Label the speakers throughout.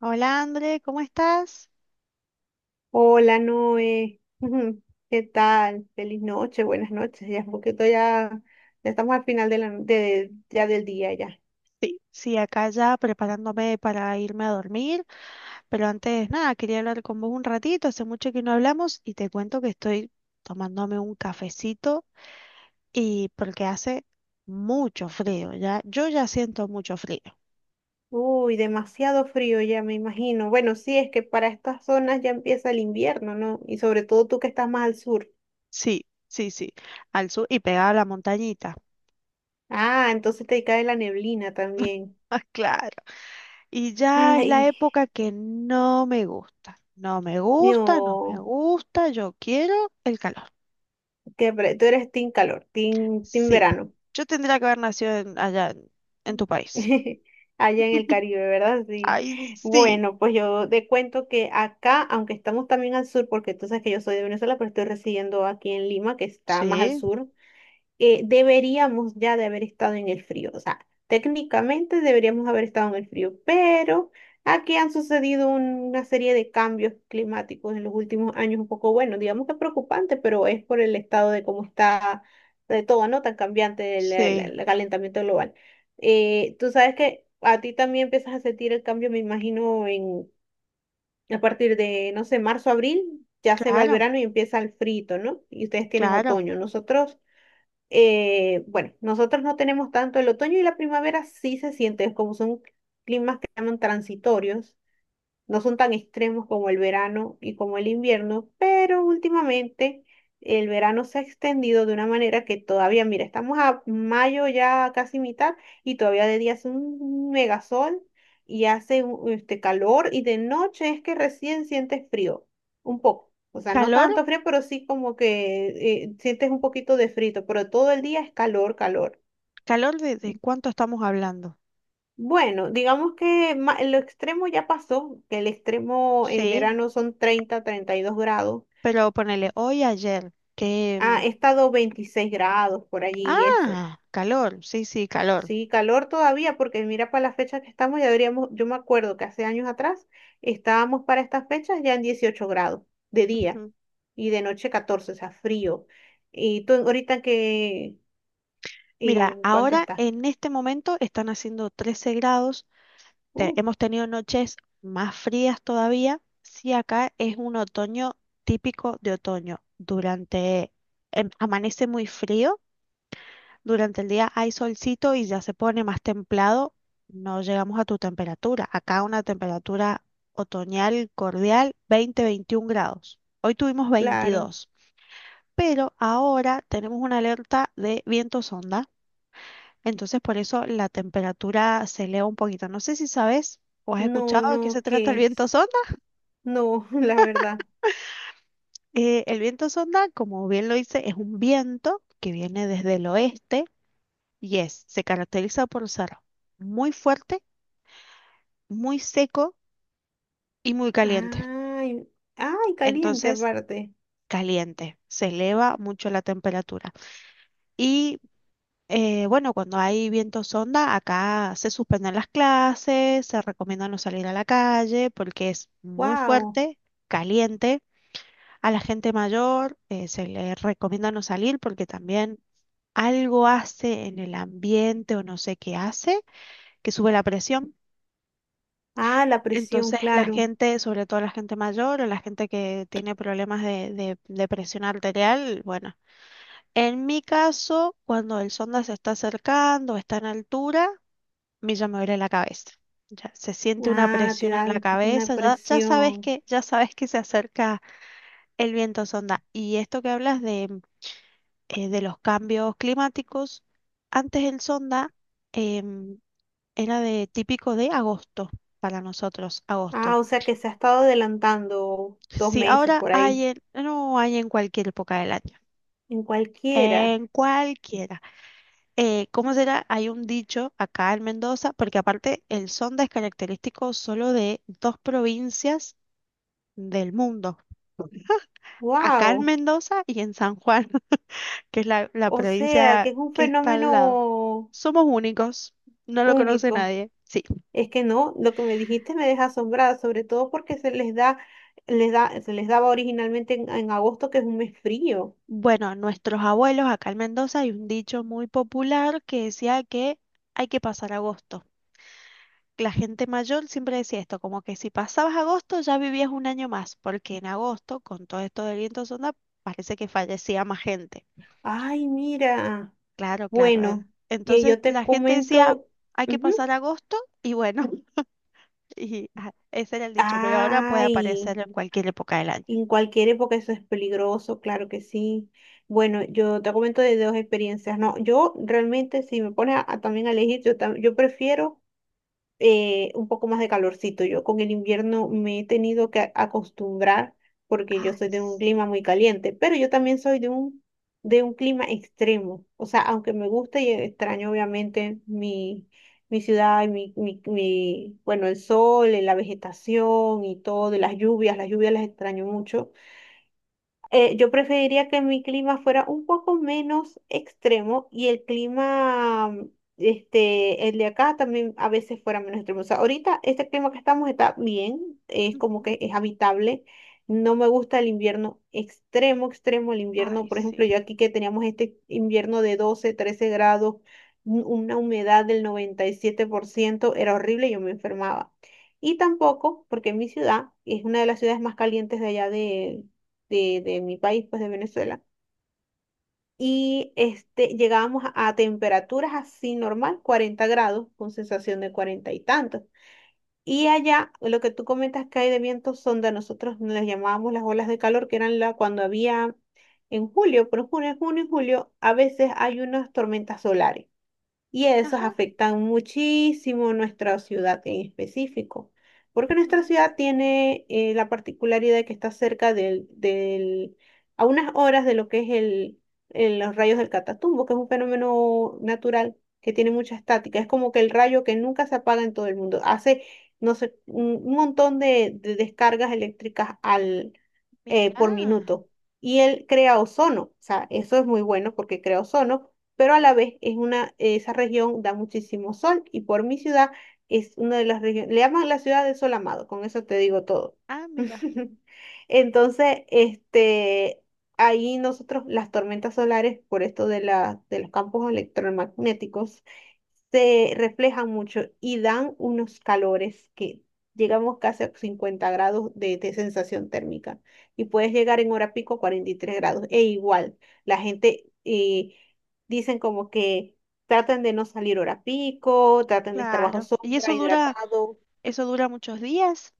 Speaker 1: Hola André, ¿cómo estás?
Speaker 2: Hola Noé, ¿qué tal? Feliz noche, buenas noches. Ya es un poquito ya, estamos al final de ya del día ya.
Speaker 1: Sí, sí, acá ya preparándome para irme a dormir, pero antes nada, quería hablar con vos un ratito, hace mucho que no hablamos y te cuento que estoy tomándome un cafecito y porque hace mucho frío, ya, yo ya siento mucho frío.
Speaker 2: Uy, demasiado frío ya me imagino. Bueno, sí, es que para estas zonas ya empieza el invierno, ¿no? Y sobre todo tú que estás más al sur.
Speaker 1: Sí, sí, sí, al sur y pegada a la montañita.
Speaker 2: Ah, entonces te cae la neblina también.
Speaker 1: Ah, claro. Y ya es la
Speaker 2: Ay,
Speaker 1: época que no me gusta, no me gusta, no me
Speaker 2: no,
Speaker 1: gusta, yo quiero el calor.
Speaker 2: tú eres team calor, team
Speaker 1: Sí,
Speaker 2: verano.
Speaker 1: yo tendría que haber nacido allá en tu país.
Speaker 2: Allá en el Caribe, ¿verdad? Sí.
Speaker 1: Ay, sí.
Speaker 2: Bueno, pues yo te cuento que acá, aunque estamos también al sur, porque tú sabes que yo soy de Venezuela, pero estoy residiendo aquí en Lima, que está más al
Speaker 1: Sí,
Speaker 2: sur, deberíamos ya de haber estado en el frío. O sea, técnicamente deberíamos haber estado en el frío, pero aquí han sucedido una serie de cambios climáticos en los últimos años, un poco, bueno, digamos que preocupante, pero es por el estado de cómo está de todo, ¿no? Tan cambiante
Speaker 1: sí,
Speaker 2: el calentamiento global. Tú sabes que a ti también empiezas a sentir el cambio, me imagino, en, a partir de, no sé, marzo, abril. Ya se va el
Speaker 1: claro,
Speaker 2: verano y empieza el frito, ¿no? Y ustedes tienen
Speaker 1: claro.
Speaker 2: otoño. Nosotros, bueno, nosotros no tenemos tanto el otoño y la primavera sí se siente, como son climas que llaman transitorios, no son tan extremos como el verano y como el invierno, pero últimamente el verano se ha extendido de una manera que todavía, mira, estamos a mayo ya casi mitad y todavía de día hace un megasol y este calor y de noche es que recién sientes frío, un poco. O sea, no
Speaker 1: ¿Calor?
Speaker 2: tanto frío, pero sí como que sientes un poquito de frito, pero todo el día es calor, calor.
Speaker 1: ¿Calor de cuánto estamos hablando?
Speaker 2: Bueno, digamos que lo extremo ya pasó, que el extremo en
Speaker 1: Sí,
Speaker 2: verano son 32 grados.
Speaker 1: pero ponele hoy, ayer, que...
Speaker 2: Ha estado 26 grados por allí y eso.
Speaker 1: ah, calor, sí, sí, calor.
Speaker 2: Sí, calor todavía, porque mira para la fecha que estamos, ya deberíamos, yo me acuerdo que hace años atrás estábamos para estas fechas ya en 18 grados de día
Speaker 1: Ujú.
Speaker 2: y de noche 14, o sea, frío. Y tú ahorita que,
Speaker 1: Mira,
Speaker 2: ¿en cuánto
Speaker 1: ahora
Speaker 2: estás?
Speaker 1: en este momento están haciendo 13 grados.
Speaker 2: Uf,
Speaker 1: Hemos tenido noches más frías todavía. Sí, acá es un otoño típico de otoño. Durante, amanece muy frío, durante el día hay solcito y ya se pone más templado. No llegamos a tu temperatura. Acá una temperatura otoñal cordial, 20-21 grados. Hoy tuvimos
Speaker 2: claro,
Speaker 1: 22, pero ahora tenemos una alerta de vientos onda. Entonces por eso la temperatura se eleva un poquito. No sé si sabes o has escuchado
Speaker 2: no,
Speaker 1: de qué se
Speaker 2: no,
Speaker 1: trata
Speaker 2: ¿qué
Speaker 1: el viento
Speaker 2: es?
Speaker 1: sonda.
Speaker 2: No, la verdad.
Speaker 1: El viento sonda, como bien lo dice, es un viento que viene desde el oeste y se caracteriza por ser muy fuerte, muy seco y muy caliente.
Speaker 2: Ay, ay, caliente
Speaker 1: Entonces,
Speaker 2: aparte.
Speaker 1: caliente, se eleva mucho la temperatura. Y bueno, cuando hay vientos sonda, acá se suspenden las clases, se recomienda no salir a la calle porque es muy
Speaker 2: Wow.
Speaker 1: fuerte, caliente. A la gente mayor se le recomienda no salir porque también algo hace en el ambiente o no sé qué hace, que sube la presión.
Speaker 2: Ah, la presión,
Speaker 1: Entonces la
Speaker 2: claro.
Speaker 1: gente, sobre todo la gente mayor o la gente que tiene problemas de presión arterial, bueno, en mi caso, cuando el sonda se está acercando, está en altura, mí ya me duele la cabeza. Ya se siente una
Speaker 2: Ah, te
Speaker 1: presión en la
Speaker 2: dan una
Speaker 1: cabeza, ya, ya sabes
Speaker 2: presión.
Speaker 1: que, ya sabes que se acerca el viento sonda. Y esto que hablas de los cambios climáticos, antes el sonda em, era de típico de agosto para nosotros, agosto.
Speaker 2: Ah, o sea que se ha estado adelantando dos
Speaker 1: Sí,
Speaker 2: meses
Speaker 1: ahora
Speaker 2: por ahí.
Speaker 1: no hay en cualquier época del año.
Speaker 2: En cualquiera.
Speaker 1: En cualquiera. ¿Cómo será? Hay un dicho acá en Mendoza, porque aparte el sonda es característico solo de dos provincias del mundo. Acá en
Speaker 2: Wow.
Speaker 1: Mendoza y en San Juan, que es la, la
Speaker 2: O sea que
Speaker 1: provincia
Speaker 2: es un
Speaker 1: que está al lado.
Speaker 2: fenómeno
Speaker 1: Somos únicos, no lo conoce
Speaker 2: único.
Speaker 1: nadie. Sí.
Speaker 2: Es que no, lo que me dijiste me deja asombrada, sobre todo porque se les da, se les daba originalmente en agosto, que es un mes frío.
Speaker 1: Bueno, nuestros abuelos acá en Mendoza hay un dicho muy popular que decía que hay que pasar agosto. La gente mayor siempre decía esto, como que si pasabas agosto ya vivías un año más, porque en agosto, con todo esto del viento sonda, parece que fallecía más gente.
Speaker 2: Ay, mira.
Speaker 1: Claro, claro.
Speaker 2: Bueno, y
Speaker 1: Entonces
Speaker 2: yo te
Speaker 1: la gente decía,
Speaker 2: comento,
Speaker 1: hay que
Speaker 2: ujú.
Speaker 1: pasar agosto y bueno. Y ajá, ese era el dicho, pero ahora puede
Speaker 2: Ay,
Speaker 1: aparecer en cualquier época del año.
Speaker 2: en cualquier época eso es peligroso, claro que sí. Bueno, yo te comento de dos experiencias. No, yo realmente si me pones a también a elegir, yo, yo prefiero, un poco más de calorcito. Yo con el invierno me he tenido que acostumbrar porque yo
Speaker 1: Ay,
Speaker 2: soy de un clima
Speaker 1: sí.
Speaker 2: muy caliente, pero yo también soy de un clima extremo. O sea, aunque me gusta y extraño obviamente mi, mi ciudad, y bueno, el sol, la vegetación y todo, y las lluvias las extraño mucho. Yo preferiría que mi clima fuera un poco menos extremo y el clima, este, el de acá también a veces fuera menos extremo. O sea, ahorita este clima que estamos está bien, es como
Speaker 1: Ujú.
Speaker 2: que es habitable. No me gusta el invierno extremo, extremo, el invierno,
Speaker 1: Ay,
Speaker 2: por ejemplo,
Speaker 1: sí.
Speaker 2: yo aquí que teníamos este invierno de 12, 13 grados, una humedad del 97% era horrible, yo me enfermaba. Y tampoco, porque mi ciudad es una de las ciudades más calientes de allá, de mi país, pues de Venezuela. Y este, llegábamos a temperaturas así normal, 40 grados, con sensación de cuarenta y tantos. Y allá, lo que tú comentas que hay de vientos sonda nosotros, las llamábamos las olas de calor, que eran la, cuando había en julio, pero en junio, julio, a veces hay unas tormentas solares y esos
Speaker 1: Ajá.
Speaker 2: afectan muchísimo nuestra ciudad en específico, porque nuestra
Speaker 1: Ujú.
Speaker 2: ciudad tiene, la particularidad de que está cerca a unas horas de lo que es los rayos del Catatumbo, que es un fenómeno natural que tiene mucha estática, es como que el rayo que nunca se apaga en todo el mundo, hace, no sé, un montón de descargas eléctricas al,
Speaker 1: Mira.
Speaker 2: por minuto. Y él crea ozono, o sea, eso es muy bueno porque crea ozono, pero a la vez esa región da muchísimo sol y por mi ciudad es una de las regiones, le llaman la ciudad del sol amado, con eso te digo todo.
Speaker 1: Ah, mira.
Speaker 2: Entonces, este, ahí nosotros las tormentas solares, por esto de de los campos electromagnéticos, se reflejan mucho y dan unos calores que llegamos casi a 50 grados de sensación térmica y puedes llegar en hora pico a 43 grados. E igual, la gente... dicen como que traten de no salir hora pico, traten de estar bajo
Speaker 1: Claro. ¿Y
Speaker 2: sombra, hidratado.
Speaker 1: eso dura muchos días?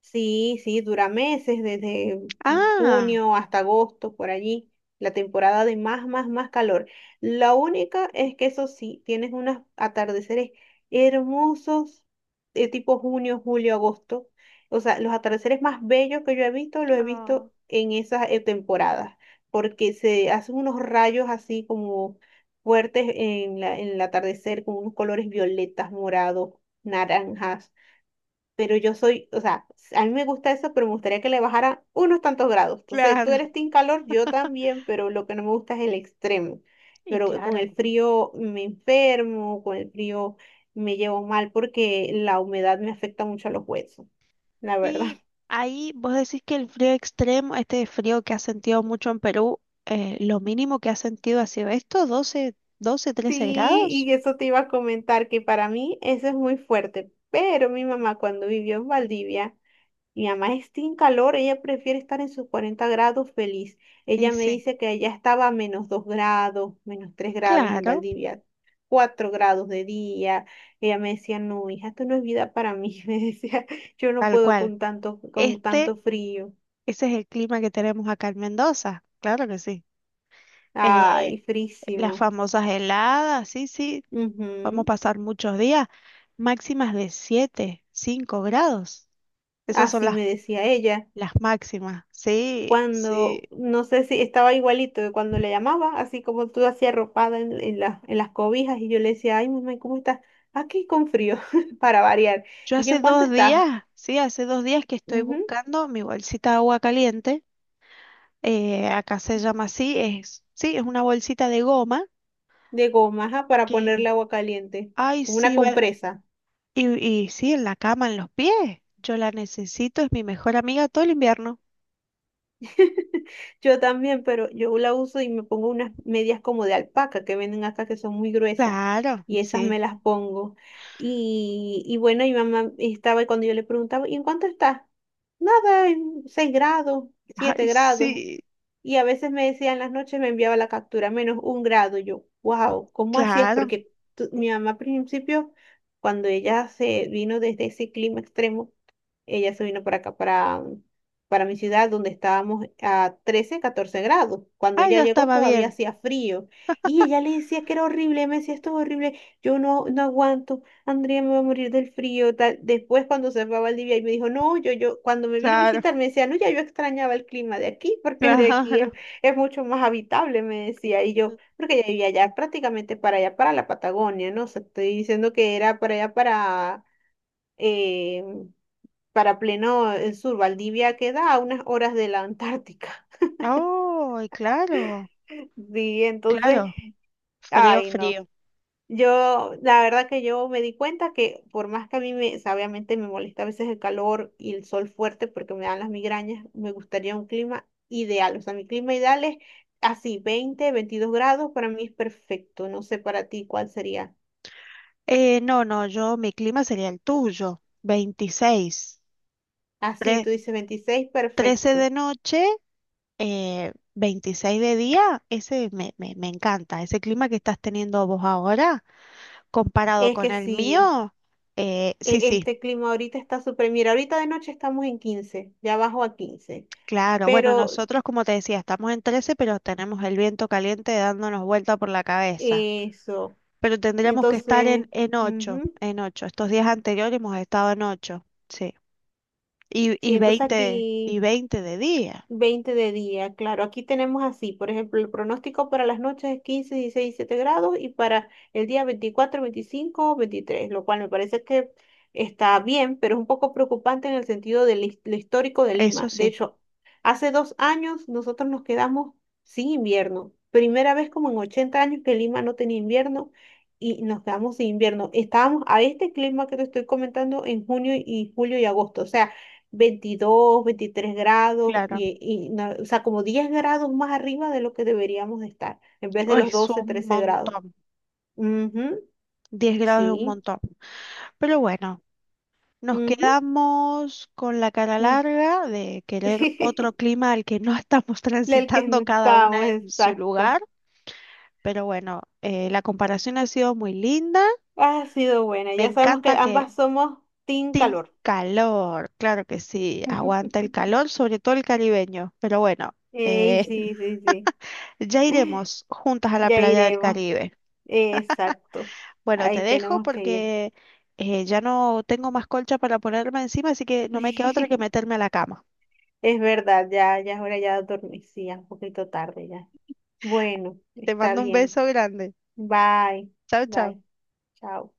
Speaker 2: Sí, sí, dura meses, desde
Speaker 1: Ah.
Speaker 2: junio hasta agosto, por allí, la temporada de más, más, más calor. La única es que eso sí, tienes unos atardeceres hermosos, de tipo junio, julio, agosto. O sea, los atardeceres más bellos que yo he visto, los he
Speaker 1: Ah,
Speaker 2: visto en esas, temporadas, porque se hacen unos rayos así como fuertes en en el atardecer, con unos colores violetas, morados, naranjas, pero yo soy, o sea, a mí me gusta eso, pero me gustaría que le bajara unos tantos grados. Entonces, tú
Speaker 1: claro.
Speaker 2: eres team calor, yo también, pero lo que no me gusta es el extremo.
Speaker 1: Y
Speaker 2: Pero con
Speaker 1: claro.
Speaker 2: el frío me enfermo, con el frío me llevo mal porque la humedad me afecta mucho a los huesos, la verdad.
Speaker 1: Y ahí vos decís que el frío extremo, este frío que has sentido mucho en Perú, lo mínimo que has sentido ha sido esto, doce 13
Speaker 2: Sí,
Speaker 1: grados.
Speaker 2: y eso te iba a comentar, que para mí eso es muy fuerte, pero mi mamá cuando vivió en Valdivia, mi mamá está en calor, ella prefiere estar en sus 40 grados feliz.
Speaker 1: Y
Speaker 2: Ella me
Speaker 1: sí,
Speaker 2: dice que allá estaba a -2 grados, -3 grados en
Speaker 1: claro,
Speaker 2: Valdivia, 4 grados de día. Ella me decía, no, hija, esto no es vida para mí. Me decía, yo no
Speaker 1: tal
Speaker 2: puedo
Speaker 1: cual.
Speaker 2: con
Speaker 1: Este
Speaker 2: tanto frío.
Speaker 1: Ese es el clima que tenemos acá en Mendoza, claro que sí. Eh,
Speaker 2: Ay,
Speaker 1: las
Speaker 2: frísimo.
Speaker 1: famosas heladas, sí, sí, vamos a
Speaker 2: Ujú,
Speaker 1: pasar muchos días, máximas de 7, 5 grados. Esas son
Speaker 2: así me decía ella.
Speaker 1: las máximas, sí, sí.
Speaker 2: Cuando, no sé si estaba igualito de cuando le llamaba, así como tú hacías arropada en, en las cobijas y yo le decía, ay, mamá, ¿y cómo estás? Aquí con frío, para variar.
Speaker 1: Yo
Speaker 2: Y yo,
Speaker 1: hace
Speaker 2: ¿en cuánto
Speaker 1: dos
Speaker 2: estás?
Speaker 1: días, sí, hace 2 días que estoy
Speaker 2: Ujú,
Speaker 1: buscando mi bolsita de agua caliente, acá se llama así, es, sí, es una bolsita de goma
Speaker 2: de goma, ajá, para ponerle
Speaker 1: que,
Speaker 2: agua caliente,
Speaker 1: ay,
Speaker 2: como una
Speaker 1: sí, va-
Speaker 2: compresa.
Speaker 1: y sí, en la cama, en los pies. Yo la necesito, es mi mejor amiga todo el invierno.
Speaker 2: Yo también, pero yo la uso y me pongo unas medias como de alpaca que venden acá que son muy gruesas
Speaker 1: Claro,
Speaker 2: y esas
Speaker 1: sí.
Speaker 2: me las pongo. Y bueno, mi mamá estaba y cuando yo le preguntaba, ¿y en cuánto está? Nada, en 6 grados, siete
Speaker 1: Ay,
Speaker 2: grados.
Speaker 1: sí,
Speaker 2: Y a veces me decía en las noches, me enviaba la captura, -1 grado. Yo, wow, ¿cómo hacías?
Speaker 1: claro.
Speaker 2: Porque mi mamá al principio, cuando ella se vino desde ese clima extremo, ella se vino para acá, para mi ciudad, donde estábamos a 13, 14 grados. Cuando
Speaker 1: Ay,
Speaker 2: ella
Speaker 1: ya
Speaker 2: llegó
Speaker 1: estaba
Speaker 2: todavía
Speaker 1: bien.
Speaker 2: hacía frío. Y ella le decía que era horrible, me decía, esto es horrible, yo no, no aguanto, Andrea me va a morir del frío. Tal. Después cuando se fue a Valdivia y me dijo, no, yo, cuando me vino a
Speaker 1: Claro,
Speaker 2: visitar me decía, no, ya yo extrañaba el clima de aquí, porque el de aquí
Speaker 1: claro.
Speaker 2: es mucho más habitable, me decía. Y yo, porque ella vivía allá prácticamente para allá, para la Patagonia, ¿no? O sea, estoy diciendo que era para allá, para... em, para pleno, sur. Valdivia queda a unas horas de la Antártica.
Speaker 1: Ay, claro,
Speaker 2: Sí, entonces,
Speaker 1: claro. Frío,
Speaker 2: ay, no.
Speaker 1: frío.
Speaker 2: Yo, la verdad que yo me di cuenta que por más que a mí me, o sea, obviamente me molesta a veces el calor y el sol fuerte porque me dan las migrañas, me gustaría un clima ideal. O sea, mi clima ideal es así, 20, 22 grados, para mí es perfecto. No sé para ti cuál sería.
Speaker 1: No, no, yo, mi clima sería el tuyo. 26,
Speaker 2: Así,
Speaker 1: Tre-
Speaker 2: tú dices 26,
Speaker 1: 13
Speaker 2: perfecto.
Speaker 1: de noche, 26 de día. Ese me encanta. Ese clima que estás teniendo vos ahora, comparado
Speaker 2: Es
Speaker 1: con
Speaker 2: que
Speaker 1: el
Speaker 2: sí,
Speaker 1: mío, sí, sí.
Speaker 2: este clima ahorita está súper, mira, ahorita de noche estamos en 15, ya bajo a 15,
Speaker 1: Claro, bueno,
Speaker 2: pero
Speaker 1: nosotros como te decía, estamos en 13, pero tenemos el viento caliente dándonos vuelta por la cabeza.
Speaker 2: eso,
Speaker 1: Pero tendríamos que estar
Speaker 2: entonces,
Speaker 1: en 8,
Speaker 2: ujú.
Speaker 1: en 8. Estos días anteriores hemos estado en 8, sí. Y,
Speaker 2: Sí,
Speaker 1: y
Speaker 2: entonces
Speaker 1: 20
Speaker 2: aquí
Speaker 1: y 20 de día,
Speaker 2: 20 de día, claro. Aquí tenemos así, por ejemplo, el pronóstico para las noches es 15, 16, 17 grados y para el día 24, 25, 23, lo cual me parece que está bien, pero es un poco preocupante en el sentido del, lo histórico de
Speaker 1: eso
Speaker 2: Lima. De
Speaker 1: sí,
Speaker 2: hecho, hace dos años nosotros nos quedamos sin invierno. Primera vez como en 80 años que Lima no tenía invierno y nos quedamos sin invierno. Estábamos a este clima que te estoy comentando en junio y julio y agosto. O sea, 22, 23 grados,
Speaker 1: claro.
Speaker 2: no, o sea, como 10 grados más arriba de lo que deberíamos de estar, en vez de
Speaker 1: Uy,
Speaker 2: los
Speaker 1: es
Speaker 2: 12,
Speaker 1: un
Speaker 2: 13 grados.
Speaker 1: montón,
Speaker 2: Ujú,
Speaker 1: 10 grados es un
Speaker 2: sí,
Speaker 1: montón. Pero bueno, nos
Speaker 2: ujú,
Speaker 1: quedamos con la cara
Speaker 2: mm.
Speaker 1: larga de querer otro clima al que no estamos
Speaker 2: El que
Speaker 1: transitando
Speaker 2: no
Speaker 1: cada una
Speaker 2: estamos,
Speaker 1: en su
Speaker 2: exacto.
Speaker 1: lugar, pero bueno, la comparación ha sido muy linda.
Speaker 2: Ha sido buena,
Speaker 1: Me
Speaker 2: ya sabemos que
Speaker 1: encanta que
Speaker 2: ambas somos team
Speaker 1: Team
Speaker 2: calor.
Speaker 1: Calor, claro que sí, aguanta el calor, sobre todo el caribeño, pero bueno,
Speaker 2: Ey,
Speaker 1: eh,
Speaker 2: sí, sí, sí,
Speaker 1: ya iremos juntas a la
Speaker 2: ya
Speaker 1: playa del
Speaker 2: iremos.
Speaker 1: Caribe.
Speaker 2: Exacto,
Speaker 1: Bueno, te
Speaker 2: ahí
Speaker 1: dejo
Speaker 2: tenemos que ir.
Speaker 1: porque ya no tengo más colcha para ponerme encima, así que no me queda otra que meterme a la cama.
Speaker 2: Es verdad, ya, ya es hora ya de dormir, sí, ya es un poquito tarde ya. Bueno,
Speaker 1: Te
Speaker 2: está
Speaker 1: mando un
Speaker 2: bien.
Speaker 1: beso grande.
Speaker 2: Bye,
Speaker 1: Chao, chao.
Speaker 2: bye, chao.